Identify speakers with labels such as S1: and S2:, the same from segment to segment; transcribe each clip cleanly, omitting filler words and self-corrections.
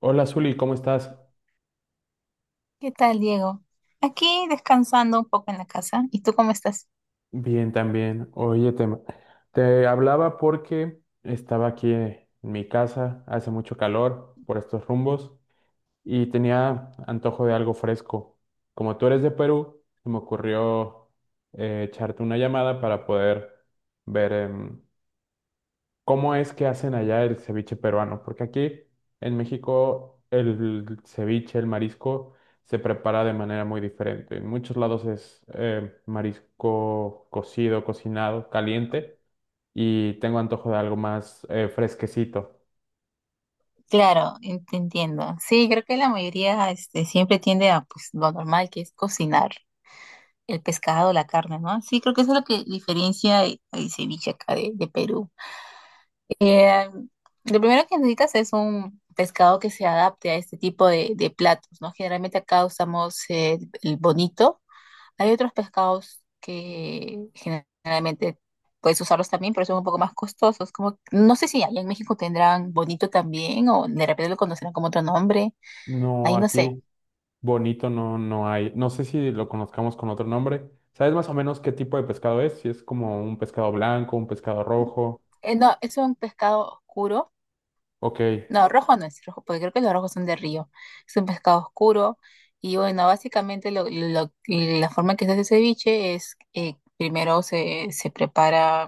S1: Hola, Zuli, ¿cómo estás?
S2: ¿Qué tal, Diego? Aquí descansando un poco en la casa. ¿Y tú cómo estás?
S1: Bien, también. Oye, te hablaba porque estaba aquí en mi casa, hace mucho calor por estos rumbos y tenía antojo de algo fresco. Como tú eres de Perú, se me ocurrió echarte una llamada para poder ver ¿cómo es que hacen allá el ceviche peruano? Porque aquí en México el ceviche, el marisco, se prepara de manera muy diferente. En muchos lados es marisco cocido, cocinado, caliente, y tengo antojo de algo más fresquecito.
S2: Claro, te entiendo. Sí, creo que la mayoría este, siempre tiende a pues, lo normal que es cocinar el pescado, la carne, ¿no? Sí, creo que eso es lo que diferencia el ceviche acá de Perú. Eh, lo primero que necesitas es un pescado que se adapte a este tipo de platos, ¿no? Generalmente acá usamos el bonito. Hay otros pescados que generalmente puedes usarlos también, pero son un poco más costosos. Como, no sé si allá en México tendrán bonito también o de repente lo conocerán como otro nombre.
S1: No,
S2: Ahí no sé.
S1: aquí bonito no, no hay. No sé si lo conozcamos con otro nombre. ¿Sabes más o menos qué tipo de pescado es? ¿Si es como un pescado blanco, un pescado rojo?
S2: No, es un pescado oscuro.
S1: Ok,
S2: No, rojo no es rojo, porque creo que los rojos son de río. Es un pescado oscuro. Y bueno, básicamente la forma en que se hace ceviche es primero se prepara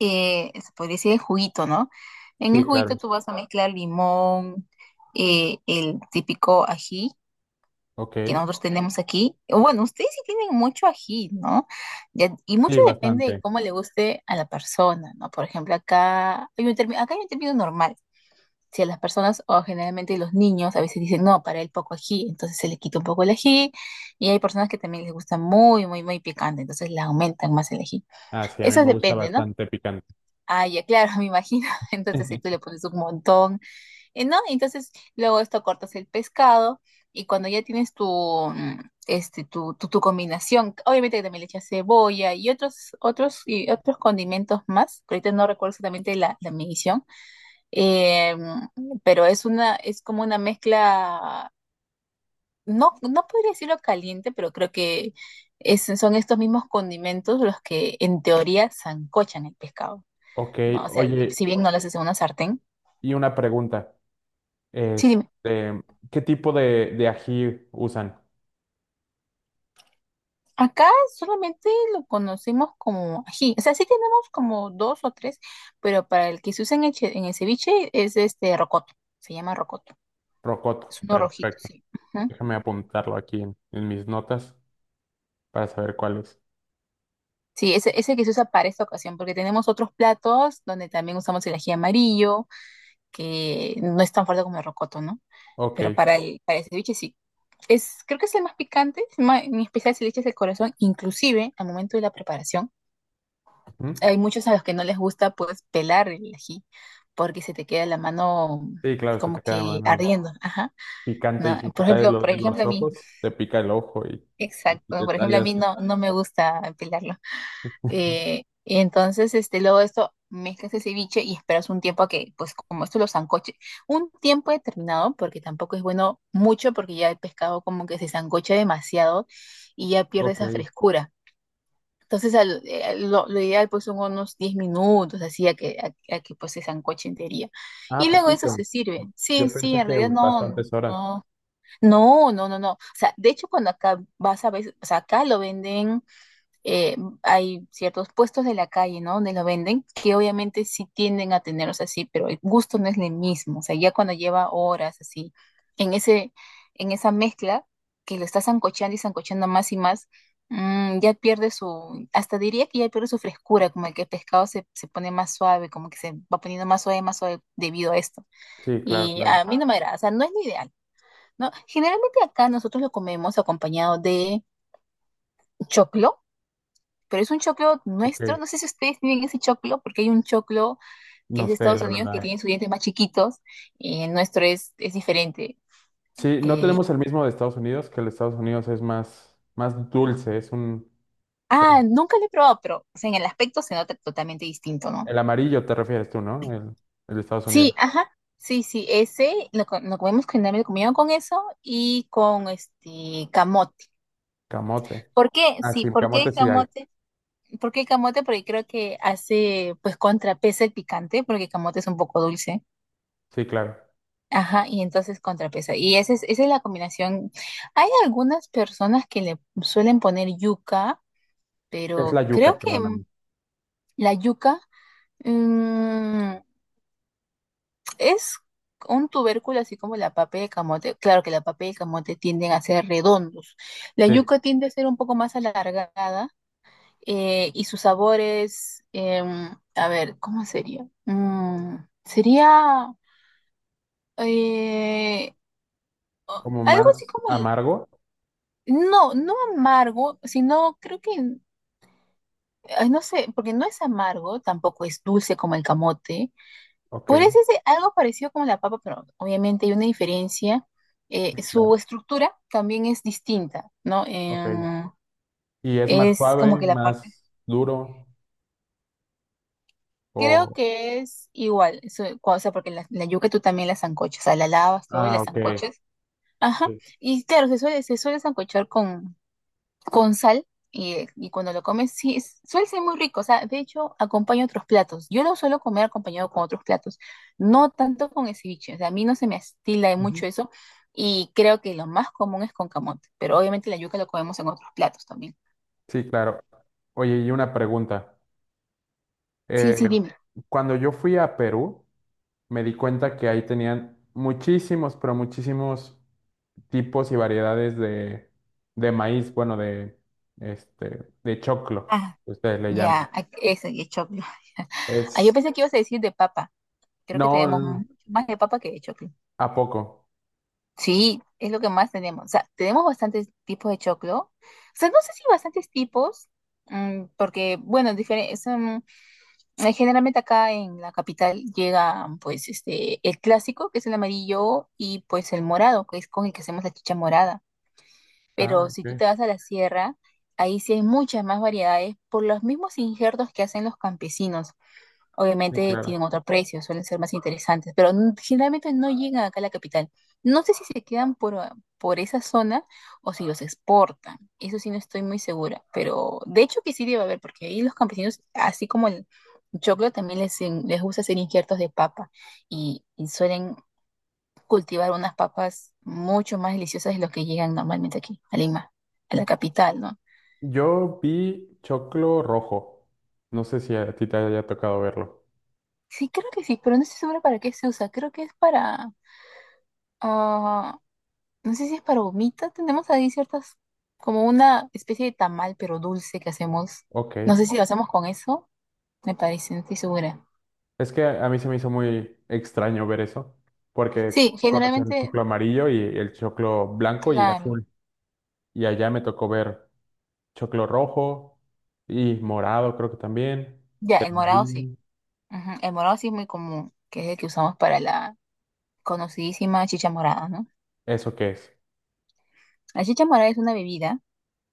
S2: se podría decir el juguito, ¿no? En el
S1: sí,
S2: juguito
S1: claro.
S2: tú vas a mezclar limón, el típico ají
S1: Ok,
S2: que nosotros tenemos aquí. O bueno, ustedes sí tienen mucho ají, ¿no? Y
S1: sí,
S2: mucho depende de
S1: bastante.
S2: cómo le guste a la persona, ¿no? Por ejemplo, acá hay un término, acá hay un término normal. Si a las personas o generalmente los niños a veces dicen, no, para él poco ají, entonces se le quita un poco el ají. Y hay personas que también les gusta muy, muy, muy picante, entonces le aumentan más el ají.
S1: Ah, sí, a mí
S2: Eso
S1: me gusta
S2: depende, ¿no?
S1: bastante picante.
S2: Ah, ya, claro, me imagino. Entonces ahí tú le pones un montón, ¿no? Entonces luego esto cortas el pescado y cuando ya tienes tu, este, tu combinación, obviamente que también le echas cebolla y otros condimentos más. Que Ahorita no recuerdo exactamente la, la medición, pero es una, es como una mezcla, no, no podría decirlo caliente, pero creo que son estos mismos condimentos los que en teoría sancochan el pescado.
S1: Ok,
S2: No, o sea,
S1: oye,
S2: si bien no lo haces en una sartén.
S1: y una pregunta.
S2: Sí, dime.
S1: Este, ¿qué tipo de ají usan?
S2: Acá solamente lo conocemos como ají. O sea, sí tenemos como dos o tres, pero para el que se usa en el, en el ceviche es este rocoto. Se llama rocoto. Es
S1: Rocoto.
S2: uno rojito,
S1: Perfecto.
S2: sí. Ujú.
S1: Déjame apuntarlo aquí en mis notas para saber cuál es.
S2: Sí, ese que se usa para esta ocasión, porque tenemos otros platos donde también usamos el ají amarillo, que no es tan fuerte como el rocoto, ¿no?
S1: Ok.
S2: Pero para el ceviche sí. Es, creo que es el más picante, en especial si le echas el corazón, inclusive al momento de la preparación
S1: Ujú.
S2: hay muchos a los que no les gusta pues pelar el ají porque se te queda la mano
S1: Sí, claro, se
S2: como
S1: te queda a
S2: que
S1: mano
S2: ardiendo, ajá.
S1: picante y
S2: No,
S1: si te tallas
S2: por
S1: en los
S2: ejemplo a mí,
S1: ojos, te pica el ojo y si
S2: exacto,
S1: te
S2: por ejemplo a
S1: tallas.
S2: mí no, no me gusta pelarlo. Y entonces, este, luego de esto, mezclas el ceviche y esperas un tiempo a que, pues como esto lo sancoche, un tiempo determinado, porque tampoco es bueno mucho, porque ya el pescado como que se sancocha demasiado y ya pierde
S1: Ok.
S2: esa frescura. Entonces, lo ideal pues son unos 10 minutos, así a que, a que pues se sancoche entería.
S1: Ah,
S2: Y luego eso
S1: poquito.
S2: se sirve. Sí,
S1: Yo
S2: sí,
S1: pensé
S2: en
S1: que
S2: realidad no,
S1: bastantes horas.
S2: no, no, no, no, no. O sea, de hecho cuando acá vas a ver, o sea, acá lo venden eh, hay ciertos puestos de la calle, ¿no? Donde lo venden, que obviamente sí tienden a tenerlos así, pero el gusto no es el mismo. O sea, ya cuando lleva horas así, en ese, en esa mezcla, que lo está sancochando y sancochando más y más, ya pierde su, hasta diría que ya pierde su frescura, como el que el pescado se pone más suave, como que se va poniendo más suave debido a esto.
S1: Sí, claro,
S2: Y
S1: claro.
S2: a mí no me agrada, o sea, no es lo ideal. ¿No? Generalmente acá nosotros lo comemos acompañado de choclo, pero es un choclo nuestro.
S1: Ok.
S2: No sé si ustedes tienen ese choclo, porque hay un choclo que
S1: No
S2: es de
S1: sé,
S2: Estados
S1: la
S2: Unidos que
S1: verdad.
S2: tiene sus dientes más chiquitos y el nuestro es diferente.
S1: Sí, no
S2: Eh,
S1: tenemos el mismo de Estados Unidos, que el de Estados Unidos es más, más dulce, es un…
S2: ah,
S1: El
S2: nunca lo he probado, pero o sea, en el aspecto se nota totalmente distinto, ¿no?
S1: el amarillo te refieres tú, ¿no? El de Estados Unidos.
S2: Sí, ajá. Sí, sí, ese lo comemos generalmente comido con eso y con este camote.
S1: Camote.
S2: ¿Por qué?
S1: Ah,
S2: Sí,
S1: sí,
S2: ¿por qué
S1: camote
S2: el
S1: sí hay.
S2: camote? ¿Por qué el camote? Porque creo que hace, pues, contrapesa el picante, porque el camote es un poco dulce.
S1: Sí, claro.
S2: Ajá, y entonces contrapesa. Y esa es la combinación. Hay algunas personas que le suelen poner yuca,
S1: Es la
S2: pero
S1: yuca,
S2: creo que
S1: perdóname.
S2: la yuca mm, es un tubérculo así como la papa de camote. Claro que la papa de camote tienden a ser redondos. La
S1: Sí,
S2: yuca tiende a ser un poco más alargada y sus sabores, a ver, ¿cómo sería? Sería eh,
S1: como
S2: algo así
S1: más
S2: como
S1: amargo.
S2: no, no amargo, sino creo que, ay, no sé, porque no es amargo, tampoco es dulce como el camote.
S1: Ok,
S2: Podría decirse algo parecido como la papa, pero obviamente hay una diferencia.
S1: sí, claro.
S2: Su estructura también es distinta, ¿no?
S1: Ok. ¿Y es más
S2: Es como
S1: suave,
S2: que la parte,
S1: más duro?
S2: creo
S1: O…
S2: que es igual, eso, o sea, porque la yuca tú también la sancochas, o sea, la lavas todo y la
S1: Ah, ok.
S2: sancochas. Ajá,
S1: Sí.
S2: y claro, se suele sancochar con sal y cuando lo comes, sí, suele ser muy rico. O sea, de hecho, acompaña otros platos. Yo lo suelo comer acompañado con otros platos, no tanto con el ceviche. O sea, a mí no se me estila de
S1: Ujú.
S2: mucho eso y creo que lo más común es con camote, pero obviamente la yuca lo comemos en otros platos también.
S1: Sí, claro. Oye, y una pregunta.
S2: Sí,
S1: Eh,
S2: sí, dime.
S1: cuando yo fui a Perú, me di cuenta que ahí tenían muchísimos, pero muchísimos tipos y variedades de maíz, bueno, de, este, de choclo,
S2: Ah,
S1: que ustedes le
S2: ya,
S1: llaman.
S2: ese de choclo. Ah, yo
S1: Es,
S2: pensé que ibas a decir de papa. Creo
S1: no,
S2: que tenemos
S1: l-
S2: mucho más de papa que de choclo.
S1: ¿a poco?
S2: Sí, es lo que más tenemos. O sea, tenemos bastantes tipos de choclo. O sea, no sé si bastantes tipos, porque, bueno, generalmente acá en la capital llegan, pues, este, el clásico, que es el amarillo, y pues el morado, que es con el que hacemos la chicha morada.
S1: Ah,
S2: Pero si tú
S1: ok,
S2: te vas a la sierra, ahí sí hay muchas más variedades por los mismos injertos que hacen los campesinos.
S1: sí,
S2: Obviamente
S1: claro.
S2: tienen otro precio, suelen ser más interesantes, pero generalmente no llegan acá a la capital. No sé si se quedan por, ah, por esa zona o si los exportan. Eso sí no estoy muy segura, pero de hecho que sí debe haber, porque ahí los campesinos, así como el choclo, también les gusta hacer injertos de papa y suelen cultivar unas papas mucho más deliciosas de lo que llegan normalmente aquí, a Lima, a la capital, ¿no?
S1: Yo vi choclo rojo. No sé si a ti te haya tocado verlo.
S2: Sí, creo que sí, pero no estoy segura para qué se usa. Creo que es para... ah, no sé si es para humita, tenemos ahí ciertas, como una especie de tamal, pero dulce que hacemos. No
S1: Ok.
S2: sé si lo hacemos con eso, me parece, no estoy segura.
S1: Es que a mí se me hizo muy extraño ver eso, porque
S2: Sí,
S1: conocen el
S2: generalmente,
S1: choclo amarillo y el choclo blanco y
S2: la,
S1: azul. Y allá me tocó ver choclo rojo y morado, creo que también.
S2: ya,
S1: El
S2: el morado sí.
S1: amarillo.
S2: Ujú, el morado sí es muy común, que es el que usamos para la conocidísima chicha morada, ¿no?
S1: ¿Eso qué es?
S2: La chicha morada es una bebida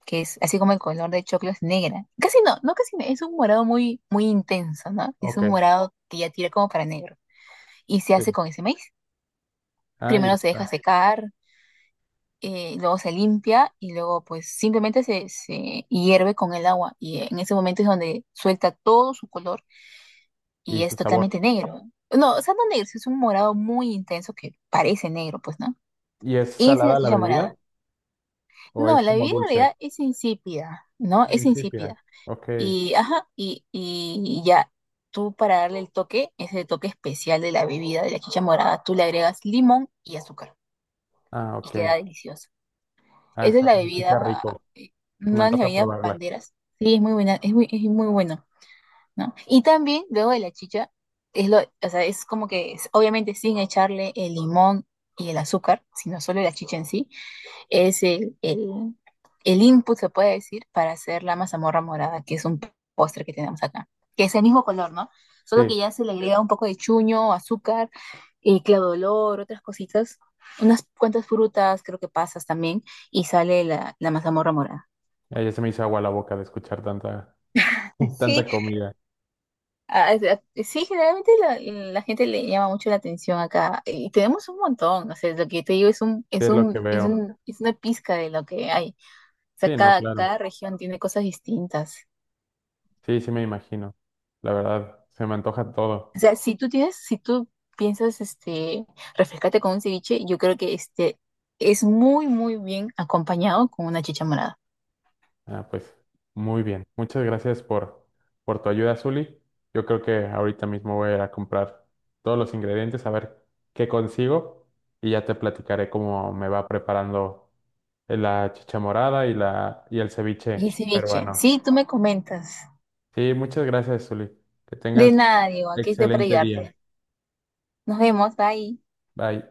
S2: que es así como el color de choclo es negra. Casi no, no casi, no, es un morado muy, muy intenso, ¿no? Es
S1: Ok,
S2: un morado que ya tira como para negro. Y se hace
S1: sí.
S2: con ese maíz.
S1: Ahí
S2: Primero se
S1: está.
S2: deja secar, luego se limpia y luego pues simplemente se hierve con el agua y en ese momento es donde suelta todo su color y
S1: Y su
S2: es
S1: sabor.
S2: totalmente negro. No, o sea, no negro, sí es un morado muy intenso que parece negro, pues, ¿no?
S1: ¿Y es
S2: Y esa es la
S1: salada la
S2: chicha
S1: bebida
S2: morada.
S1: o
S2: No,
S1: es
S2: la
S1: como
S2: bebida en
S1: dulce?
S2: realidad es insípida, ¿no?
S1: Ah,
S2: Es
S1: insípida.
S2: insípida.
S1: Ok.
S2: Y, ajá, y ya, tú para darle el toque, ese toque especial de la bebida, de la chicha morada, tú le agregas limón y azúcar
S1: Ah,
S2: y
S1: ok.
S2: queda delicioso.
S1: Ah,
S2: Esa es
S1: eso,
S2: la
S1: se
S2: bebida,
S1: escucha rico.
S2: eh,
S1: Se me
S2: una de las
S1: antoja
S2: bebidas
S1: probarla.
S2: banderas. Sí, es muy buena, es muy bueno, ¿no? Y también, luego de la chicha, o sea, es como que, obviamente sin echarle el limón y el azúcar, sino solo la chicha en sí, es el input, se puede decir, para hacer la mazamorra morada, que es un postre que tenemos acá, que es el mismo color, ¿no? Solo
S1: Sí.
S2: que ya se le agrega un poco de chuño, azúcar, y claudolor, otras cositas, unas cuantas frutas, creo que pasas también, y sale la mazamorra morada.
S1: Ah, ya se me hizo agua la boca de escuchar tanta,
S2: Sí,
S1: tanta comida.
S2: ah, sí, generalmente la gente le llama mucho la atención acá y tenemos un montón, o sea, lo que te digo es
S1: Sí, es lo que veo.
S2: es una pizca de lo que hay. O sea,
S1: Sí, no, claro.
S2: cada región tiene cosas distintas.
S1: Sí, sí me imagino. La verdad, se me antoja todo.
S2: O sea, si tú tienes, si tú piensas, este, refrescarte con un ceviche, yo creo que este es muy, muy bien acompañado con una chicha morada.
S1: Ah, pues muy bien. Muchas gracias por tu ayuda, Zuli. Yo creo que ahorita mismo voy a ir a comprar todos los ingredientes, a ver qué consigo y ya te platicaré cómo me va preparando la chicha morada y, la, y el
S2: Y el
S1: ceviche
S2: ceviche,
S1: peruano.
S2: sí, tú me comentas.
S1: Sí, muchas gracias, Zuli. Que
S2: De
S1: tengas
S2: nada, Diego, aquí estoy para
S1: excelente día.
S2: ayudarte. Nos vemos, bye.
S1: Bye.